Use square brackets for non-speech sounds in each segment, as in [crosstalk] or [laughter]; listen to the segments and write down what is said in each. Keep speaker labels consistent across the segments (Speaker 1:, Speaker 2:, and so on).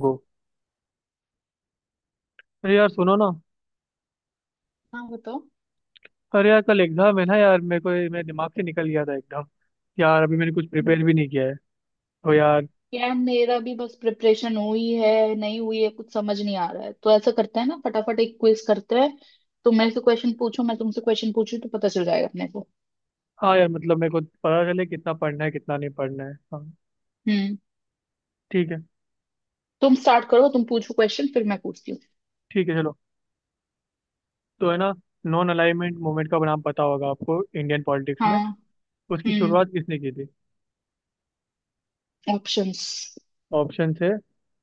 Speaker 1: गो अरे यार सुनो ना।
Speaker 2: हाँ, बताओ।
Speaker 1: अरे यार कल एग्जाम है ना यार, मेरे को मेरे दिमाग से निकल गया था एकदम। यार अभी मैंने कुछ प्रिपेयर भी
Speaker 2: हम्म।
Speaker 1: नहीं किया है, तो यार।
Speaker 2: यार, मेरा भी बस प्रिपरेशन हुई है, नहीं हुई है, कुछ समझ नहीं आ रहा है। तो ऐसा करते हैं ना, फटाफट एक क्विज करते हैं। तुम मेरे से क्वेश्चन पूछो, मैं तुमसे क्वेश्चन पूछूं, तो पता चल जाएगा अपने को।
Speaker 1: हाँ यार, मतलब मेरे को पता चले कितना पढ़ना है कितना नहीं पढ़ना है। हाँ।
Speaker 2: हम्म।
Speaker 1: ठीक है।
Speaker 2: तुम स्टार्ट करो, तुम पूछो क्वेश्चन, फिर मैं पूछती हूँ।
Speaker 1: ठीक है चलो। तो है ना, नॉन अलाइनमेंट मूवमेंट का नाम पता होगा आपको इंडियन पॉलिटिक्स में।
Speaker 2: हाँ।
Speaker 1: उसकी
Speaker 2: हम्म।
Speaker 1: शुरुआत किसने की थी?
Speaker 2: ऑप्शंस?
Speaker 1: ऑप्शन है,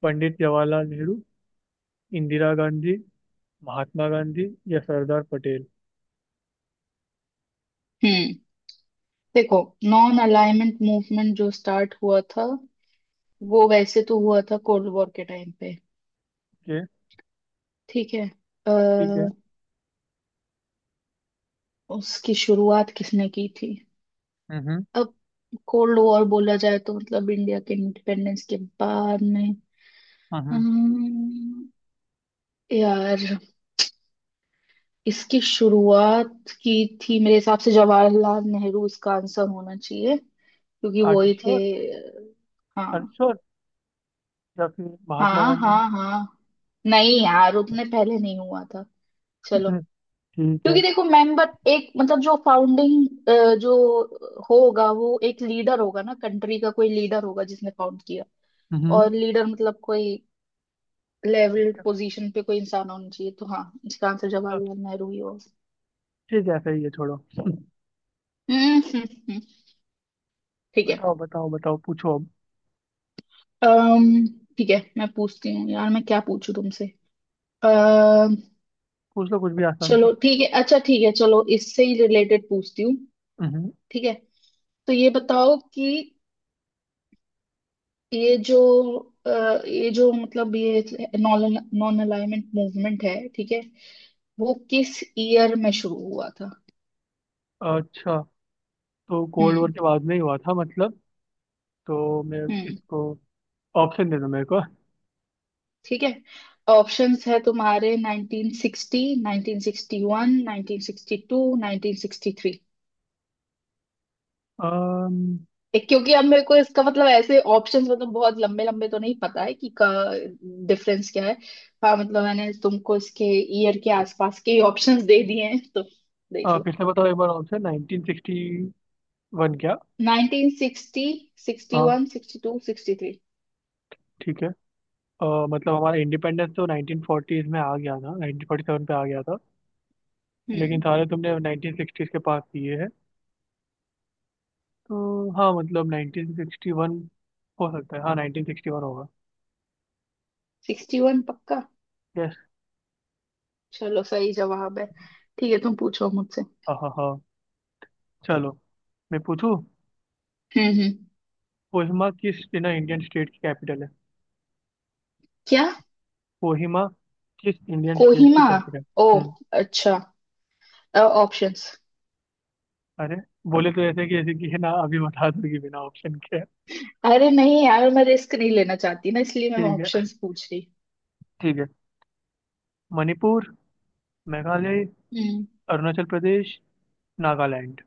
Speaker 1: पंडित जवाहरलाल नेहरू, इंदिरा गांधी, महात्मा गांधी, या सरदार पटेल।
Speaker 2: हम्म। देखो, नॉन अलाइनमेंट मूवमेंट जो स्टार्ट हुआ था वो वैसे तो हुआ था कोल्ड वॉर के टाइम पे।
Speaker 1: ओके।
Speaker 2: ठीक है।
Speaker 1: ठीक है।
Speaker 2: अः उसकी शुरुआत किसने की थी?
Speaker 1: हम्म
Speaker 2: अब कोल्ड वॉर बोला जाए तो मतलब इंडिया के इंडिपेंडेंस के बाद में।
Speaker 1: हम्म। हम्म।
Speaker 2: अम्म, यार, इसकी शुरुआत की थी, मेरे हिसाब से जवाहरलाल नेहरू इसका आंसर होना चाहिए क्योंकि
Speaker 1: आर
Speaker 2: वो ही थे।
Speaker 1: श्योर?
Speaker 2: हाँ,
Speaker 1: आर श्योर? या फिर महात्मा
Speaker 2: हाँ,
Speaker 1: गांधी ने?
Speaker 2: हाँ, हाँ। नहीं यार, उतने पहले नहीं हुआ था। चलो।
Speaker 1: [laughs] ठीक है।
Speaker 2: क्योंकि देखो, मेंबर एक मतलब जो फाउंडिंग जो होगा वो एक लीडर होगा ना, कंट्री का कोई लीडर होगा जिसने फाउंड किया।
Speaker 1: हम्म।
Speaker 2: और लीडर मतलब कोई लेवल पोजीशन पे कोई इंसान होना चाहिए, तो हाँ इसका आंसर
Speaker 1: तो
Speaker 2: जवाहरलाल नेहरू ही होगा।
Speaker 1: ठीक है, सही है, छोड़ो।
Speaker 2: हम्म, हम्म, हम्म। ठीक है।
Speaker 1: बताओ बताओ बताओ, पूछो अब।
Speaker 2: अम्म ठीक है, मैं पूछती हूँ। यार मैं क्या पूछूं तुमसे? अः
Speaker 1: पूछ लो कुछ भी आसान
Speaker 2: चलो
Speaker 1: सा।
Speaker 2: ठीक है, अच्छा ठीक है, चलो इससे ही रिलेटेड पूछती हूँ।
Speaker 1: हम्म।
Speaker 2: ठीक है। तो ये बताओ कि ये जो अ, ये जो मतलब ये नॉन नॉन अलाइनमेंट मूवमेंट है, ठीक है, वो किस ईयर में शुरू हुआ था?
Speaker 1: अच्छा, तो कोल्ड
Speaker 2: हम्म,
Speaker 1: वॉर के बाद में ही हुआ था मतलब। तो मैं
Speaker 2: हम्म।
Speaker 1: इसको ऑप्शन दे दो मेरे को।
Speaker 2: ठीक है, ऑप्शंस है तुम्हारे: 1960, 1961, 1962, 1963।
Speaker 1: अम,
Speaker 2: क्योंकि अब मेरे को इसका मतलब ऐसे ऑप्शंस, मतलब बहुत लंबे लंबे तो नहीं पता है कि का डिफरेंस क्या है। हाँ मतलब मैंने तुमको इसके ईयर के आसपास के ऑप्शंस दे दिए हैं, तो देख लो।
Speaker 1: फिर से बताओ एक बार, ऑप्शन 1961 क्या?
Speaker 2: 1960,
Speaker 1: हाँ,
Speaker 2: 61, 62, 63।
Speaker 1: ठीक है। अ, मतलब हमारा इंडिपेंडेंस तो 1940s में आ गया था, 1947 पे आ गया था। लेकिन
Speaker 2: हम्म।
Speaker 1: सारे तुमने 1960s के पास दिए हैं, तो हाँ मतलब 1961। हो सकता है, हाँ 1961 होगा।
Speaker 2: 61 पक्का।
Speaker 1: यस।
Speaker 2: चलो, सही जवाब है। ठीक है, तुम पूछो मुझसे।
Speaker 1: हाँ हाँ हाँ। चलो, मैं पूछूं।
Speaker 2: हम्म, हम्म।
Speaker 1: कोहिमा किस ना इंडियन स्टेट की कैपिटल है?
Speaker 2: क्या?
Speaker 1: कोहिमा किस इंडियन स्टेट की
Speaker 2: कोहिमा?
Speaker 1: कैपिटल?
Speaker 2: ओ,
Speaker 1: हम्म।
Speaker 2: अच्छा। ऑप्शंस?
Speaker 1: अरे बोले तो ऐसे कि है ना, अभी बता दूंगी बिना ऑप्शन के।
Speaker 2: अरे नहीं यार, मैं रिस्क नहीं लेना चाहती ना, इसलिए मैं
Speaker 1: ठीक है।
Speaker 2: ऑप्शंस पूछ रही।
Speaker 1: ठीक है। मणिपुर, मेघालय,
Speaker 2: हम्म,
Speaker 1: अरुणाचल प्रदेश, नागालैंड।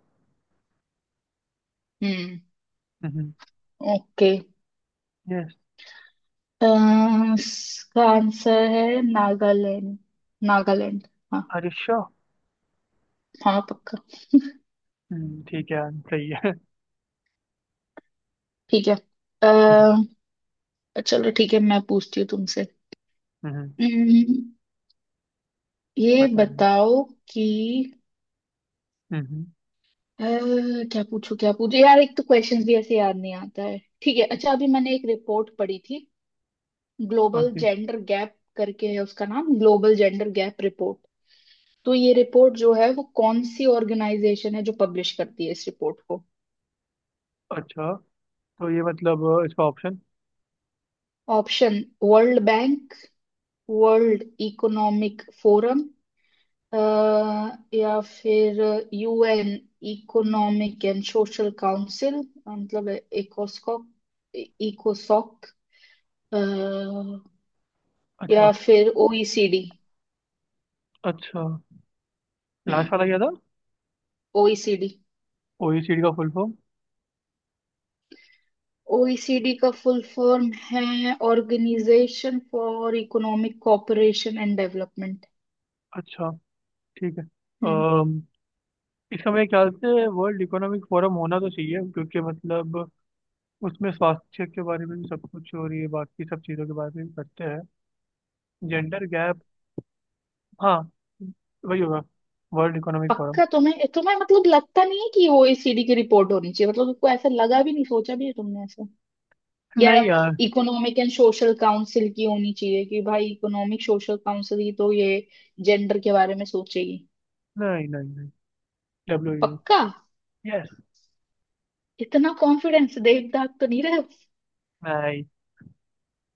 Speaker 2: हम्म।
Speaker 1: हम्म।
Speaker 2: ओके।
Speaker 1: यस।
Speaker 2: इसका आंसर है नागालैंड। नागालैंड। हाँ।
Speaker 1: अरे श्योर?
Speaker 2: हाँ, पक्का।
Speaker 1: हम्म, ठीक है। सही है।
Speaker 2: ठीक है।
Speaker 1: हम्म।
Speaker 2: अ, चलो ठीक है, मैं पूछती हूँ तुमसे।
Speaker 1: हम्म।
Speaker 2: हम्म, ये
Speaker 1: बताइए।
Speaker 2: बताओ कि
Speaker 1: हम्म।
Speaker 2: अ, क्या पूछो, क्या पूछो, यार एक तो क्वेश्चंस भी ऐसे याद नहीं आता है। ठीक है, अच्छा अभी मैंने एक रिपोर्ट पढ़ी थी,
Speaker 1: कौन
Speaker 2: ग्लोबल
Speaker 1: सी?
Speaker 2: जेंडर गैप करके है उसका नाम, ग्लोबल जेंडर गैप रिपोर्ट। तो ये रिपोर्ट जो है, वो कौन सी ऑर्गेनाइजेशन है जो पब्लिश करती है इस रिपोर्ट को?
Speaker 1: अच्छा, तो ये मतलब इसका option.
Speaker 2: Option: world bank, world economic forum, या फिर UN economic and Social council, मतलब इकोस्कॉक, इकोसॉक,
Speaker 1: अच्छा।
Speaker 2: या फिर ओईसीडी।
Speaker 1: अच्छा, लास्ट
Speaker 2: हम्म।
Speaker 1: वाला क्या था?
Speaker 2: ओईसीडी?
Speaker 1: ओईसीडी का फुल फॉर्म?
Speaker 2: ओईसीडी का फुल फॉर्म है Organisation for Economic Cooperation and Development.
Speaker 1: अच्छा। ठीक है।
Speaker 2: हम्म।
Speaker 1: अम, इसका मेरे ख्याल से वर्ल्ड इकोनॉमिक फोरम होना तो चाहिए, क्योंकि मतलब उसमें स्वास्थ्य के बारे में भी सब कुछ हो रही है, बाकी सब चीज़ों के बारे में भी करते हैं, जेंडर गैप। हाँ, वही होगा, वर्ल्ड इकोनॉमिक फोरम।
Speaker 2: पक्का? तुम्हें तुम्हें मतलब लगता नहीं है कि ओईसीडी की रिपोर्ट होनी चाहिए? मतलब तुमको ऐसा लगा भी नहीं, सोचा भी है तुमने ऐसा? या
Speaker 1: नहीं यार।
Speaker 2: इकोनॉमिक एंड सोशल काउंसिल की होनी चाहिए, कि भाई इकोनॉमिक सोशल काउंसिल ही तो ये जेंडर के बारे में सोचेगी?
Speaker 1: नहीं नहीं नहीं। डब्ल्यू।
Speaker 2: पक्का?
Speaker 1: यस।
Speaker 2: इतना कॉन्फिडेंस, देख दाग तो नहीं रहे।
Speaker 1: नहीं।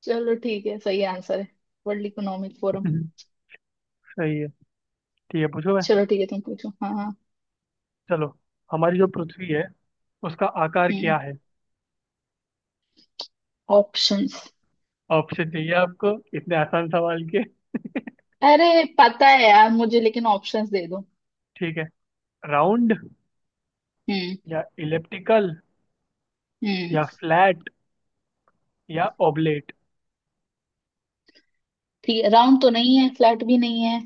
Speaker 2: चलो ठीक है, सही आंसर है वर्ल्ड इकोनॉमिक फोरम।
Speaker 1: [laughs] सही है। ठीक है पूछो मैं।
Speaker 2: चलो ठीक है, तुम पूछो। हाँ, हाँ।
Speaker 1: चलो। हमारी जो पृथ्वी है, उसका आकार
Speaker 2: हम्म।
Speaker 1: क्या है?
Speaker 2: ऑप्शंस?
Speaker 1: ऑप्शन चाहिए आपको इतने आसान सवाल के?
Speaker 2: अरे पता है यार मुझे, लेकिन ऑप्शंस दे दो।
Speaker 1: ठीक है। राउंड,
Speaker 2: हम्म,
Speaker 1: या इलिप्टिकल,
Speaker 2: हम्म।
Speaker 1: या फ्लैट, या ओबलेट।
Speaker 2: ठीक है, राउंड तो नहीं है, फ्लैट भी नहीं है।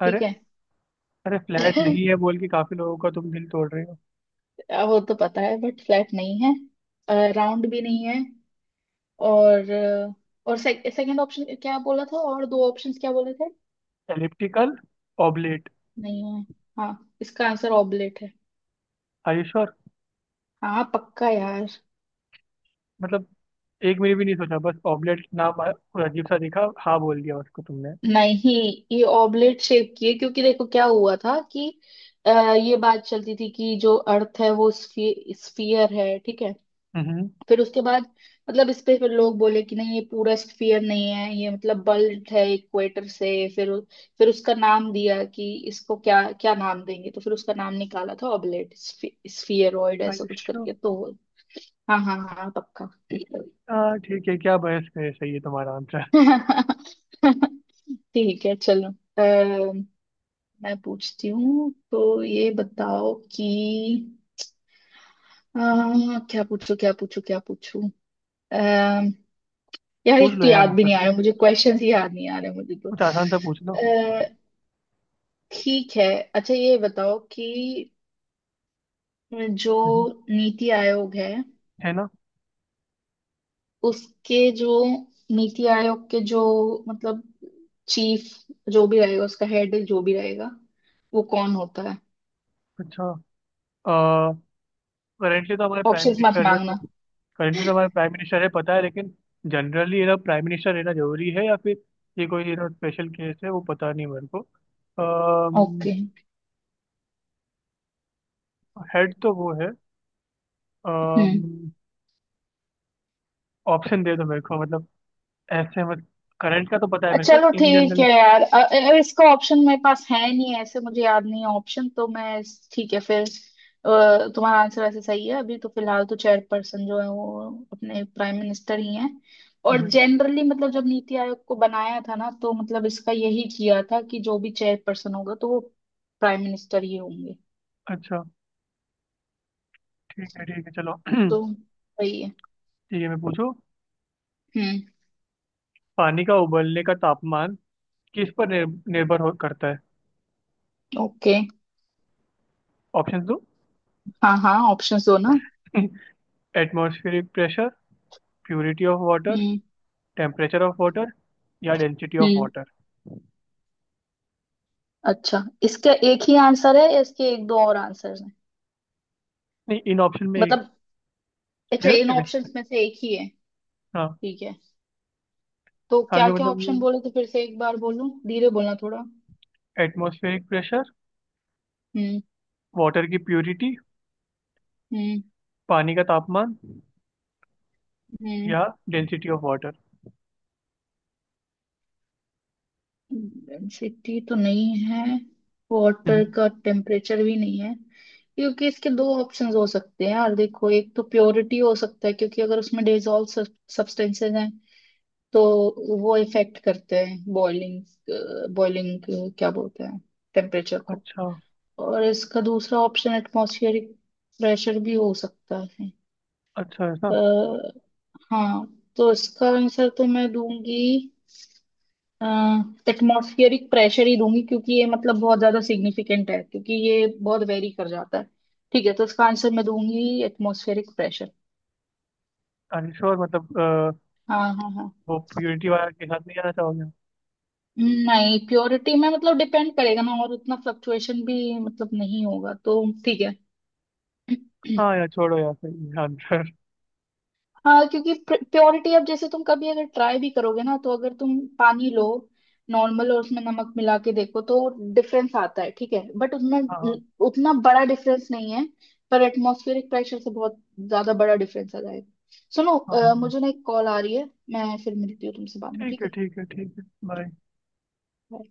Speaker 1: अरे।
Speaker 2: ठीक है।
Speaker 1: अरे फ्लैट नहीं है
Speaker 2: [laughs]
Speaker 1: बोल के काफी लोगों का तुम दिल तोड़ रहे हो।
Speaker 2: वो तो पता है बट फ्लैट नहीं है, राउंड भी नहीं है। और अ, और सेकंड ऑप्शन क्या बोला था, और दो ऑप्शंस क्या बोले थे?
Speaker 1: एलिप्टिकल। ओबलेट।
Speaker 2: नहीं है। हाँ, इसका आंसर ऑबलेट है।
Speaker 1: Are you sure?
Speaker 2: हाँ पक्का यार।
Speaker 1: मतलब एक मिनट भी नहीं सोचा, बस ऑबलेट नाम आया, कोई अजीब सा दिखा, हाँ बोल दिया उसको तुमने।
Speaker 2: नहीं, ये ऑबलेट शेप की है। क्योंकि देखो, क्या हुआ था कि अ, ये बात चलती थी कि जो अर्थ है वो स्फीयर है, ठीक है।
Speaker 1: हम्म।
Speaker 2: फिर उसके बाद मतलब इस पे फिर लोग बोले कि नहीं, ये पूरा स्फीयर नहीं है, ये मतलब बल्ब है इक्वेटर से। फिर उ- फिर उसका नाम दिया कि इसको क्या क्या नाम देंगे, तो फिर उसका नाम निकाला था ऑबलेट स्फीयरॉइड
Speaker 1: आर
Speaker 2: ऐसा
Speaker 1: यू
Speaker 2: कुछ
Speaker 1: श्योर?
Speaker 2: करके। तो हाँ, हाँ, हाँ, हाँ, पक्का।
Speaker 1: हाँ ठीक है, क्या बहस है, सही है तुम्हारा आंसर।
Speaker 2: [laughs] ठीक है चलो। मैं पूछती हूँ, तो ये बताओ कि अ, क्या पूछूं, क्या पूछूं, क्या पूछूं? अम्म, यार
Speaker 1: पूछ
Speaker 2: एक
Speaker 1: लो
Speaker 2: तो
Speaker 1: यार
Speaker 2: याद भी नहीं
Speaker 1: आसान
Speaker 2: आ रहा
Speaker 1: सा।
Speaker 2: मुझे, क्वेश्चन ही याद नहीं आ रहे मुझे तो।
Speaker 1: कुछ आसान सा पूछ लो।
Speaker 2: अ, ठीक है, अच्छा ये बताओ कि जो
Speaker 1: हम्म।
Speaker 2: नीति आयोग है,
Speaker 1: है ना?
Speaker 2: उसके जो नीति आयोग के जो मतलब चीफ जो भी रहेगा, उसका हेड जो भी रहेगा, वो कौन होता है?
Speaker 1: अच्छा, करेंटली तो हमारे प्राइम
Speaker 2: ऑप्शंस मत
Speaker 1: मिनिस्टर है वो।
Speaker 2: मांगना।
Speaker 1: करेंटली तो हमारे प्राइम मिनिस्टर है पता है, लेकिन जनरली ये ना प्राइम मिनिस्टर रहना जरूरी है, या फिर ये कोई ये ना स्पेशल केस है, वो पता नहीं मेरे को।
Speaker 2: ओके।
Speaker 1: हेड तो वो है।
Speaker 2: हम्म।
Speaker 1: ऑप्शन दे दो मेरे को मतलब, ऐसे मत, करंट का तो पता है मेरे को,
Speaker 2: चलो
Speaker 1: इन
Speaker 2: ठीक
Speaker 1: जनरल।
Speaker 2: है यार, इसका ऑप्शन मेरे पास है नहीं, ऐसे मुझे याद नहीं है ऑप्शन तो ठीक है फिर। तुम्हारा आंसर वैसे सही है। अभी तो फिलहाल तो चेयरपर्सन जो है वो अपने प्राइम मिनिस्टर ही हैं। और जनरली मतलब जब नीति आयोग को बनाया था ना, तो मतलब इसका यही किया था कि जो भी चेयरपर्सन होगा तो वो प्राइम मिनिस्टर ही होंगे।
Speaker 1: अच्छा। ठीक है चलो। [clears throat]
Speaker 2: तो सही है।
Speaker 1: ठीक है मैं पूछू।
Speaker 2: हम्म।
Speaker 1: पानी का उबलने का तापमान किस पर निर्भर हो करता है?
Speaker 2: ओके।
Speaker 1: ऑप्शन दो।
Speaker 2: हाँ हाँ, ऑप्शन दो ना।
Speaker 1: Atmospheric pressure, purity of water,
Speaker 2: hmm,
Speaker 1: [laughs] temperature of water, या डेंसिटी ऑफ
Speaker 2: हम्म।
Speaker 1: वाटर।
Speaker 2: अच्छा, इसका एक ही आंसर है या इसके एक दो और आंसर हैं?
Speaker 1: नहीं इन ऑप्शन में एक
Speaker 2: मतलब, अच्छा इन
Speaker 1: में-
Speaker 2: ऑप्शंस में से एक ही है।
Speaker 1: हाँ,
Speaker 2: ठीक है। तो क्या
Speaker 1: आगे
Speaker 2: क्या ऑप्शन
Speaker 1: मतलब
Speaker 2: बोले थे फिर से एक बार, बोलो धीरे बोलना थोड़ा।
Speaker 1: एटमॉस्फेरिक प्रेशर,
Speaker 2: हम्म,
Speaker 1: वाटर की प्योरिटी,
Speaker 2: हम्म,
Speaker 1: पानी का तापमान,
Speaker 2: हम्म।
Speaker 1: या डेंसिटी ऑफ वाटर।
Speaker 2: डेंसिटी तो नहीं है। वाटर का टेम्परेचर भी नहीं है। क्योंकि इसके दो ऑप्शंस हो सकते हैं यार, देखो, एक तो प्योरिटी हो सकता है, क्योंकि अगर उसमें डिजॉल्व सब्सटेंसेस हैं तो वो इफेक्ट करते हैं बॉइलिंग, बॉइलिंग क्या बोलते हैं, टेम्परेचर को।
Speaker 1: अच्छा।
Speaker 2: और इसका दूसरा ऑप्शन एटमॉस्फेरिक प्रेशर भी हो सकता है।
Speaker 1: अच्छा ऐसा।
Speaker 2: अ, हाँ। तो इसका आंसर तो मैं दूंगी, एटमॉस्फेरिक प्रेशर ही दूंगी क्योंकि ये मतलब बहुत ज्यादा सिग्निफिकेंट है, क्योंकि ये बहुत वेरी कर जाता है। ठीक है, तो इसका आंसर मैं दूंगी एटमॉस्फेरिक प्रेशर।
Speaker 1: अरे श्योर, मतलब
Speaker 2: हाँ, हाँ, हाँ।
Speaker 1: वो प्योरिटी वाला के साथ नहीं जाना चाहोगे?
Speaker 2: नहीं, प्योरिटी में मतलब डिपेंड करेगा ना, और उतना फ्लक्चुएशन भी मतलब नहीं होगा, तो ठीक है।
Speaker 1: हाँ
Speaker 2: [clears throat]
Speaker 1: यार छोड़ो यार, सही है आंसर।
Speaker 2: हाँ, क्योंकि प्योरिटी अब जैसे तुम कभी अगर ट्राई भी करोगे ना, तो अगर तुम पानी लो नॉर्मल और उसमें नमक मिला के देखो, तो डिफरेंस आता है ठीक है, बट उतना
Speaker 1: हाँ हाँ।
Speaker 2: उतना बड़ा डिफरेंस नहीं है। पर एटमॉस्फेरिक प्रेशर से बहुत ज्यादा बड़ा डिफरेंस आ जाएगा। सुनो,
Speaker 1: हाँ, हाँ।
Speaker 2: मुझे ना एक कॉल आ रही है। मैं फिर मिलती हूँ तुमसे बाद में,
Speaker 1: ठीक
Speaker 2: ठीक
Speaker 1: है
Speaker 2: है।
Speaker 1: ठीक है ठीक है, बाय।
Speaker 2: Bye.